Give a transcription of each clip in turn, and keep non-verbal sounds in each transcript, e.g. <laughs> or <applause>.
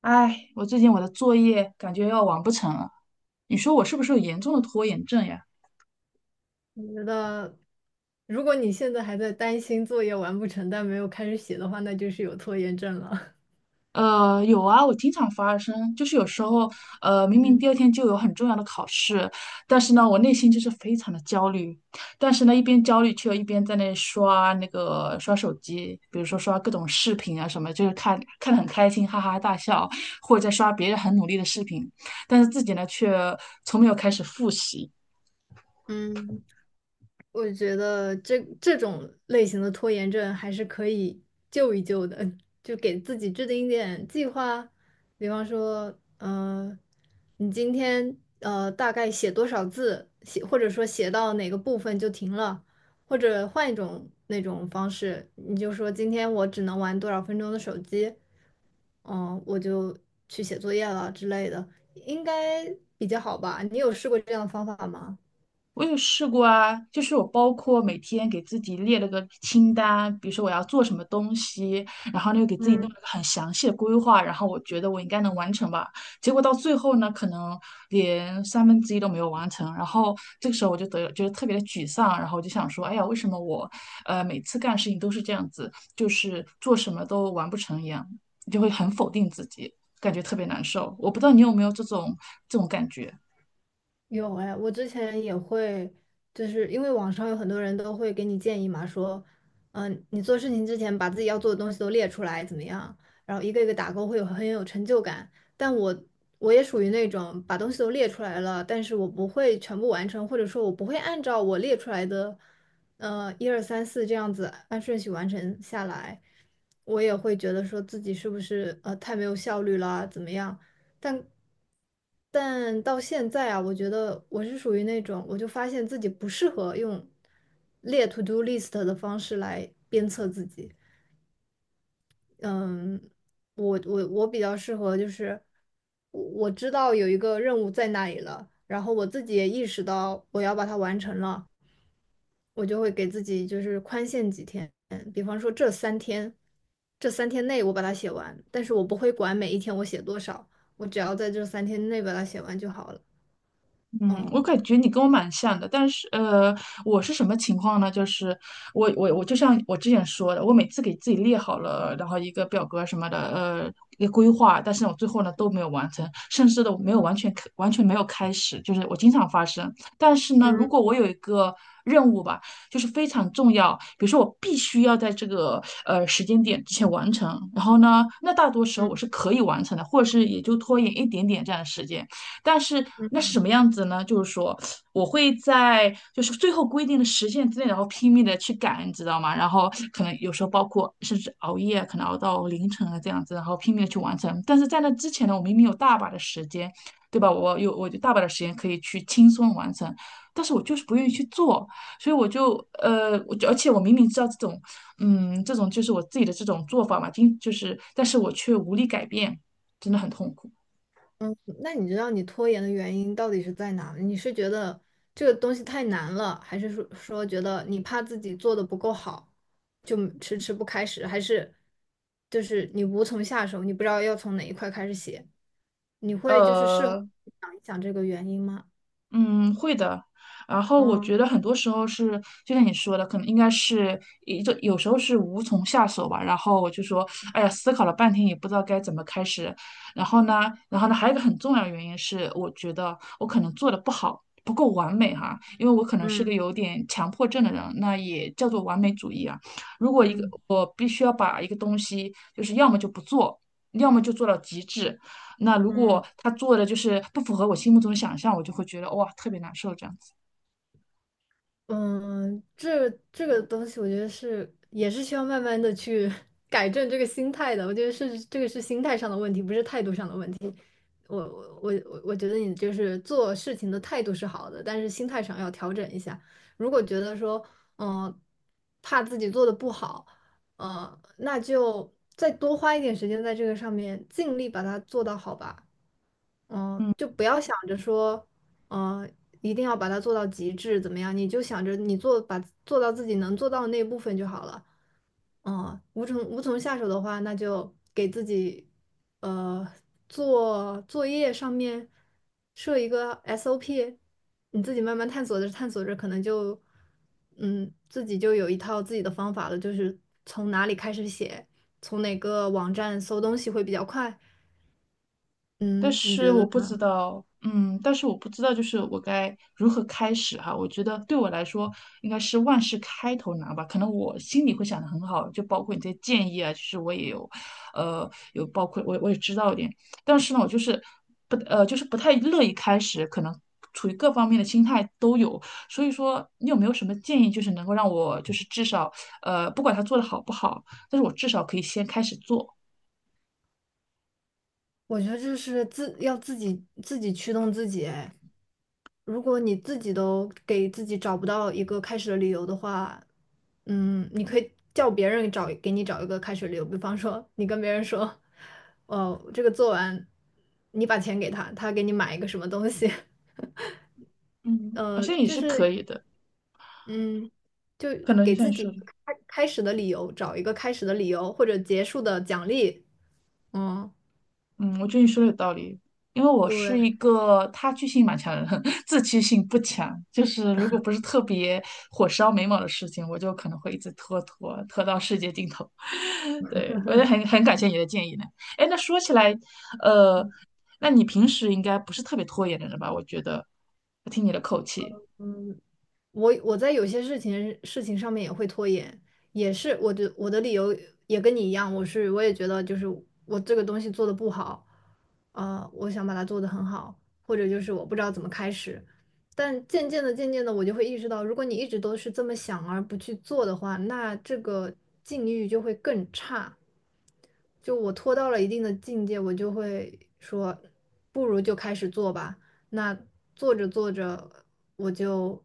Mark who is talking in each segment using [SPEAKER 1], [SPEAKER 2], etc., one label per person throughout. [SPEAKER 1] 哎，我最近我的作业感觉要完不成了，你说我是不是有严重的拖延症呀？
[SPEAKER 2] 我觉得，如果你现在还在担心作业完不成但没有开始写的话，那就是有拖延症了。
[SPEAKER 1] 有啊，我经常发生，就是有时候，
[SPEAKER 2] <laughs>
[SPEAKER 1] 明明
[SPEAKER 2] 嗯
[SPEAKER 1] 第二天就有很重要的考试，但是呢，我内心就是非常的焦虑，但是呢，一边焦虑却又一边在那刷那个刷手机，比如说刷各种视频啊什么，就是看看得很开心，哈哈大笑，或者在刷别人很努力的视频，但是自己呢却从没有开始复习。
[SPEAKER 2] 嗯。我觉得这种类型的拖延症还是可以救一救的，就给自己制定一点计划，比方说，你今天大概写多少字，或者说写到哪个部分就停了，或者换一种那种方式，你就说今天我只能玩多少分钟的手机，我就去写作业了之类的，应该比较好吧？你有试过这样的方法吗？
[SPEAKER 1] 我有试过啊，就是我包括每天给自己列了个清单，比如说我要做什么东西，然后呢又给自己弄
[SPEAKER 2] 嗯。
[SPEAKER 1] 了个很详细的规划，然后我觉得我应该能完成吧。结果到最后呢，可能连三分之一都没有完成，然后这个时候我就得觉得特别的沮丧，然后我就想说，哎呀，为什么我每次干事情都是这样子，就是做什么都完不成一样，就会很否定自己，感觉特别难受。我不知道你有没有这种感觉。
[SPEAKER 2] 有哎，我之前也会，就是因为网上有很多人都会给你建议嘛，说，你做事情之前把自己要做的东西都列出来，怎么样？然后一个一个打勾，会有很有成就感。但我也属于那种把东西都列出来了，但是我不会全部完成，或者说我不会按照我列出来的，一二三四这样子按顺序完成下来，我也会觉得说自己是不是太没有效率啦，怎么样？但但到现在啊，我觉得我是属于那种，我就发现自己不适合用列 to do list 的方式来鞭策自己。嗯，我比较适合，就是我知道有一个任务在那里了，然后我自己也意识到我要把它完成了，我就会给自己就是宽限几天，比方说这三天，这三天内我把它写完，但是我不会管每一天我写多少，我只要在这三天内把它写完就好了。
[SPEAKER 1] 嗯，我
[SPEAKER 2] 哦，
[SPEAKER 1] 感觉你跟我蛮像的，但是我是什么情况呢？就是我就像我之前说的，我每次给自己列好了，然后一个表格什么的，一个规划，但是我最后呢都没有完成，甚至都没有完全开完全没有开始，就是我经常发生。但是呢，如
[SPEAKER 2] 嗯
[SPEAKER 1] 果我有一个任务吧，就是非常重要，比如说我必须要在这个时间点之前完成，然后呢，那大多时候
[SPEAKER 2] 嗯
[SPEAKER 1] 我
[SPEAKER 2] 嗯。
[SPEAKER 1] 是可以完成的，或者是也就拖延一点点这样的时间。但是那是什么样子呢？就是说，我会在就是最后规定的时限之内，然后拼命的去赶，你知道吗？然后可能有时候包括甚至熬夜，可能熬到凌晨啊这样子，然后拼命的去完成。但是在那之前呢，我明明有大把的时间，对吧？我大把的时间可以去轻松完成，但是我就是不愿意去做，所以我就而且我明明知道这种，嗯，这种就是我自己的这种做法嘛，经就是，但是我却无力改变，真的很痛苦。
[SPEAKER 2] 嗯，那你知道你拖延的原因到底是在哪？你是觉得这个东西太难了，还是说觉得你怕自己做的不够好，就迟迟不开始，还是就是你无从下手，你不知道要从哪一块开始写？你会就是事后
[SPEAKER 1] 呃，
[SPEAKER 2] 想一想这个原因吗？
[SPEAKER 1] 嗯，会的。然后我
[SPEAKER 2] 嗯
[SPEAKER 1] 觉得很多时候是，就像你说的，可能应该是一就有时候是无从下手吧。然后我就说，哎呀，思考了半天也不知道该怎么开始。然后呢，然后呢，还有一个很重要的原因是，我觉得我可能做的不好，不够完美哈，因为我可能是
[SPEAKER 2] 嗯
[SPEAKER 1] 个有点强迫症的人，那也叫做完美主义啊。如果一个
[SPEAKER 2] 嗯
[SPEAKER 1] 我必须要把一个东西，就是要么就不做，要么就做到极致。那如
[SPEAKER 2] 嗯。
[SPEAKER 1] 果他做的就是不符合我心目中的想象，我就会觉得哇特别难受这样。
[SPEAKER 2] 嗯，这个东西，我觉得是也是需要慢慢的去 <laughs> 改正这个心态的。我觉得是这个是心态上的问题，不是态度上的问题。我觉得你就是做事情的态度是好的，但是心态上要调整一下。如果觉得说，嗯，怕自己做的不好，那就再多花一点时间在这个上面，尽力把它做到好吧。就不要想着说，嗯，一定要把它做到极致，怎么样？你就想着把做到自己能做到的那一部分就好了。无从下手的话，那就给自己，呃，做作业上面设一个 SOP，你自己慢慢探索着探索着，可能就，自己就有一套自己的方法了，就是从哪里开始写，从哪个网站搜东西会比较快。
[SPEAKER 1] 但
[SPEAKER 2] 嗯，你
[SPEAKER 1] 是
[SPEAKER 2] 觉
[SPEAKER 1] 我
[SPEAKER 2] 得？
[SPEAKER 1] 不知道，嗯，但是我不知道，就是我该如何开始哈。我觉得对我来说，应该是万事开头难吧。可能我心里会想的很好，就包括你这些建议啊，其实我也有，呃，有包括我也知道一点，但是呢，我就是不呃，就是不太乐意开始，可能处于各方面的心态都有。所以说，你有没有什么建议，就是能够让我就是至少不管他做的好不好，但是我至少可以先开始做，
[SPEAKER 2] 我觉得这是要自己驱动自己哎。如果你自己都给自己找不到一个开始的理由的话，你可以叫别人给你找一个开始的理由，比方说你跟别人说，哦，这个做完，你把钱给他，他给你买一个什么东西，<laughs>
[SPEAKER 1] 嗯。好像也
[SPEAKER 2] 就
[SPEAKER 1] 是可
[SPEAKER 2] 是，
[SPEAKER 1] 以的。
[SPEAKER 2] 嗯，就
[SPEAKER 1] 可能就
[SPEAKER 2] 给
[SPEAKER 1] 像
[SPEAKER 2] 自
[SPEAKER 1] 你
[SPEAKER 2] 己
[SPEAKER 1] 说的。
[SPEAKER 2] 开始的理由，找一个开始的理由或者结束的奖励，嗯，
[SPEAKER 1] 嗯，我觉得你说的有道理，因为我
[SPEAKER 2] 对。
[SPEAKER 1] 是一个他居性蛮强的人，<laughs> 自驱性不强。就是如果不是特别火烧眉毛的事情，我就可能会一直拖拖拖到世界尽头。<laughs> 对，我也很感谢你的建议呢。哎，那说起来，呃，那你平时应该不是特别拖延的人吧？我觉得，我听你的口气。
[SPEAKER 2] 嗯，我在有些事情上面也会拖延，也是我的理由也跟你一样，我也觉得就是我这个东西做的不好，我想把它做得很好，或者就是我不知道怎么开始，但渐渐的我就会意识到，如果你一直都是这么想而不去做的话，那这个境遇就会更差。就我拖到了一定的境界，我就会说，不如就开始做吧。那做着做着，我就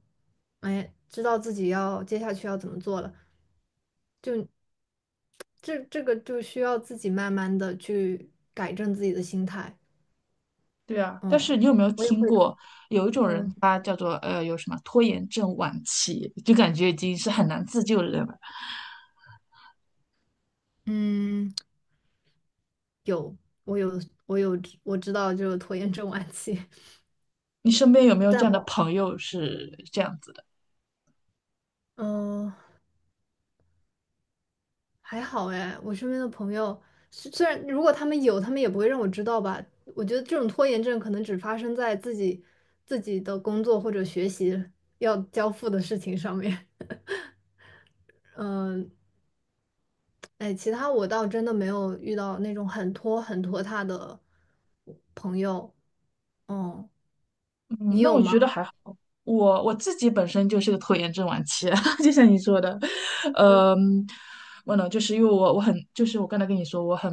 [SPEAKER 2] 哎知道自己要接下去要怎么做了。这个就需要自己慢慢的去改正自己的心态。
[SPEAKER 1] 对啊，但是
[SPEAKER 2] 嗯，
[SPEAKER 1] 你有没有
[SPEAKER 2] 我也
[SPEAKER 1] 听
[SPEAKER 2] 会。
[SPEAKER 1] 过有一种人，
[SPEAKER 2] 嗯
[SPEAKER 1] 他叫做有什么拖延症晚期，就感觉已经是很难自救的人了。
[SPEAKER 2] 嗯，我有我有我知道就是拖延症晚期，
[SPEAKER 1] 你身边有没
[SPEAKER 2] <laughs>
[SPEAKER 1] 有
[SPEAKER 2] 但
[SPEAKER 1] 这样的
[SPEAKER 2] 我
[SPEAKER 1] 朋友是这样子？
[SPEAKER 2] 嗯、还好哎，我身边的朋友虽然如果他们有，他们也不会让我知道吧。我觉得这种拖延症可能只发生在自己的工作或者学习要交付的事情上面。<laughs> 嗯，哎，其他我倒真的没有遇到那种很拖沓的朋友。哦，
[SPEAKER 1] 嗯，
[SPEAKER 2] 你
[SPEAKER 1] 那
[SPEAKER 2] 有
[SPEAKER 1] 我
[SPEAKER 2] 吗？
[SPEAKER 1] 觉得还好。我我自己本身就是个拖延症晚期，<laughs> 就像你说的，
[SPEAKER 2] 嗯，
[SPEAKER 1] 嗯，我呢，就是因为我我很，就是我刚才跟你说，我很，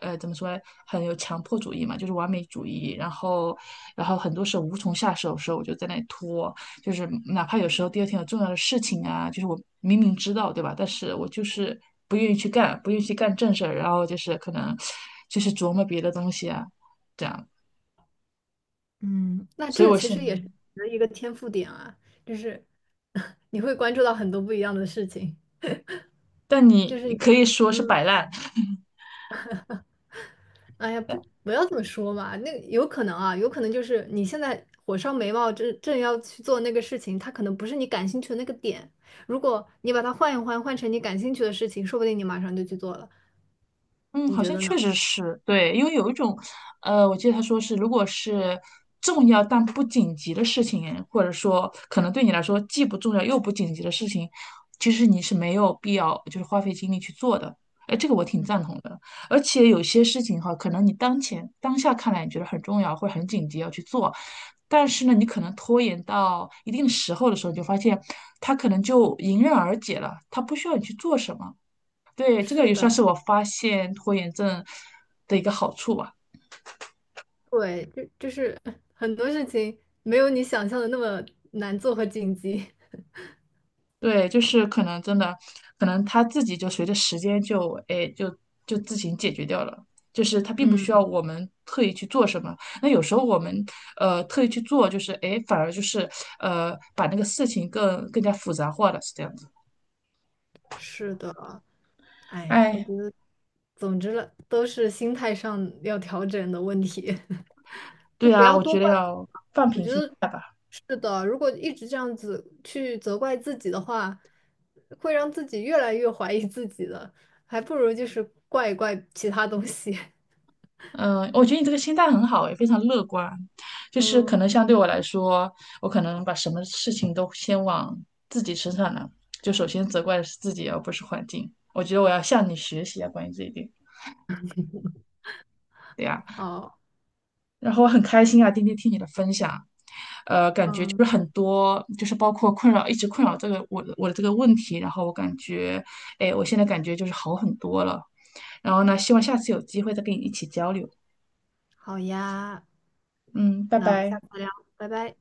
[SPEAKER 1] 呃，怎么说呢，很有强迫主义嘛，就是完美主义，然后，然后很多时候无从下手的时候，我就在那里拖，就是哪怕有时候第二天有重要的事情啊，就是我明明知道，对吧？但是我就是不愿意去干，不愿意去干正事儿，然后就是可能就是琢磨别的东西啊，这样，
[SPEAKER 2] 嗯，那
[SPEAKER 1] 所以
[SPEAKER 2] 这
[SPEAKER 1] 我
[SPEAKER 2] 其
[SPEAKER 1] 现
[SPEAKER 2] 实也是你的一个天赋点啊，就是 <laughs> 你会关注到很多不一样的事情，
[SPEAKER 1] 但你
[SPEAKER 2] 就是。
[SPEAKER 1] 可以说是
[SPEAKER 2] 嗯。
[SPEAKER 1] 摆烂，
[SPEAKER 2] 哎呀，不，不要这么说嘛。那有可能啊，有可能就是你现在火烧眉毛正要去做那个事情，它可能不是你感兴趣的那个点。如果你把它换一换，换成你感兴趣的事情，说不定你马上就去做了。
[SPEAKER 1] 嗯，
[SPEAKER 2] 你
[SPEAKER 1] 好
[SPEAKER 2] 觉
[SPEAKER 1] 像
[SPEAKER 2] 得
[SPEAKER 1] 确
[SPEAKER 2] 呢？
[SPEAKER 1] 实是对，因为有一种，我记得他说是，如果是重要但不紧急的事情，或者说可能对你来说既不重要又不紧急的事情，其实你是没有必要就是花费精力去做的。哎，这个我挺赞同的。而且有些事情哈，可能你当前当下看来你觉得很重要或者很紧急要去做，但是呢，你可能拖延到一定时候的时候，你就发现它可能就迎刃而解了，它不需要你去做什么。对，这个
[SPEAKER 2] 是
[SPEAKER 1] 也算
[SPEAKER 2] 的，
[SPEAKER 1] 是我发现拖延症的一个好处吧。
[SPEAKER 2] 对，就就是很多事情没有你想象的那么难做和紧急。<laughs>
[SPEAKER 1] 对，就是可能真的，可能他自己就随着时间就，哎，就自行解决掉了。就是他并不需要
[SPEAKER 2] 嗯，
[SPEAKER 1] 我们特意去做什么。那有时候我们特意去做，就是哎，反而就是把那个事情更加复杂化了，是这样子。
[SPEAKER 2] 是的，哎，我
[SPEAKER 1] 哎，
[SPEAKER 2] 觉得，总之了，都是心态上要调整的问题。就
[SPEAKER 1] 对
[SPEAKER 2] 不
[SPEAKER 1] 啊，
[SPEAKER 2] 要
[SPEAKER 1] 我
[SPEAKER 2] 多
[SPEAKER 1] 觉得
[SPEAKER 2] 怪自
[SPEAKER 1] 要。
[SPEAKER 2] 己嘛。我觉得是的，如果一直这样子去责怪自己的话，会让自己越来越怀疑自己的，还不如就是怪一怪其他东西。<laughs>
[SPEAKER 1] 嗯，我觉得你这个心态很好，也非常乐观。就是可
[SPEAKER 2] 嗯，
[SPEAKER 1] 能相对我来说，我可能把什么事情都先往自己身上呢，就首先责怪的是自己，而不是环境。我觉得我要向你学习啊，关于这一点。对呀，
[SPEAKER 2] 好，
[SPEAKER 1] 然后我很开心啊，今天听你的分享，呃，感觉就
[SPEAKER 2] 嗯，
[SPEAKER 1] 是很多，就是包括困扰，一直困扰这个我的这个问题，然后我感觉，哎，我现在感觉就是好很多了。然后呢，希望下次有机会再跟你一起交流。
[SPEAKER 2] 好呀，
[SPEAKER 1] 嗯，拜
[SPEAKER 2] 那我们下
[SPEAKER 1] 拜。
[SPEAKER 2] 次聊，拜拜。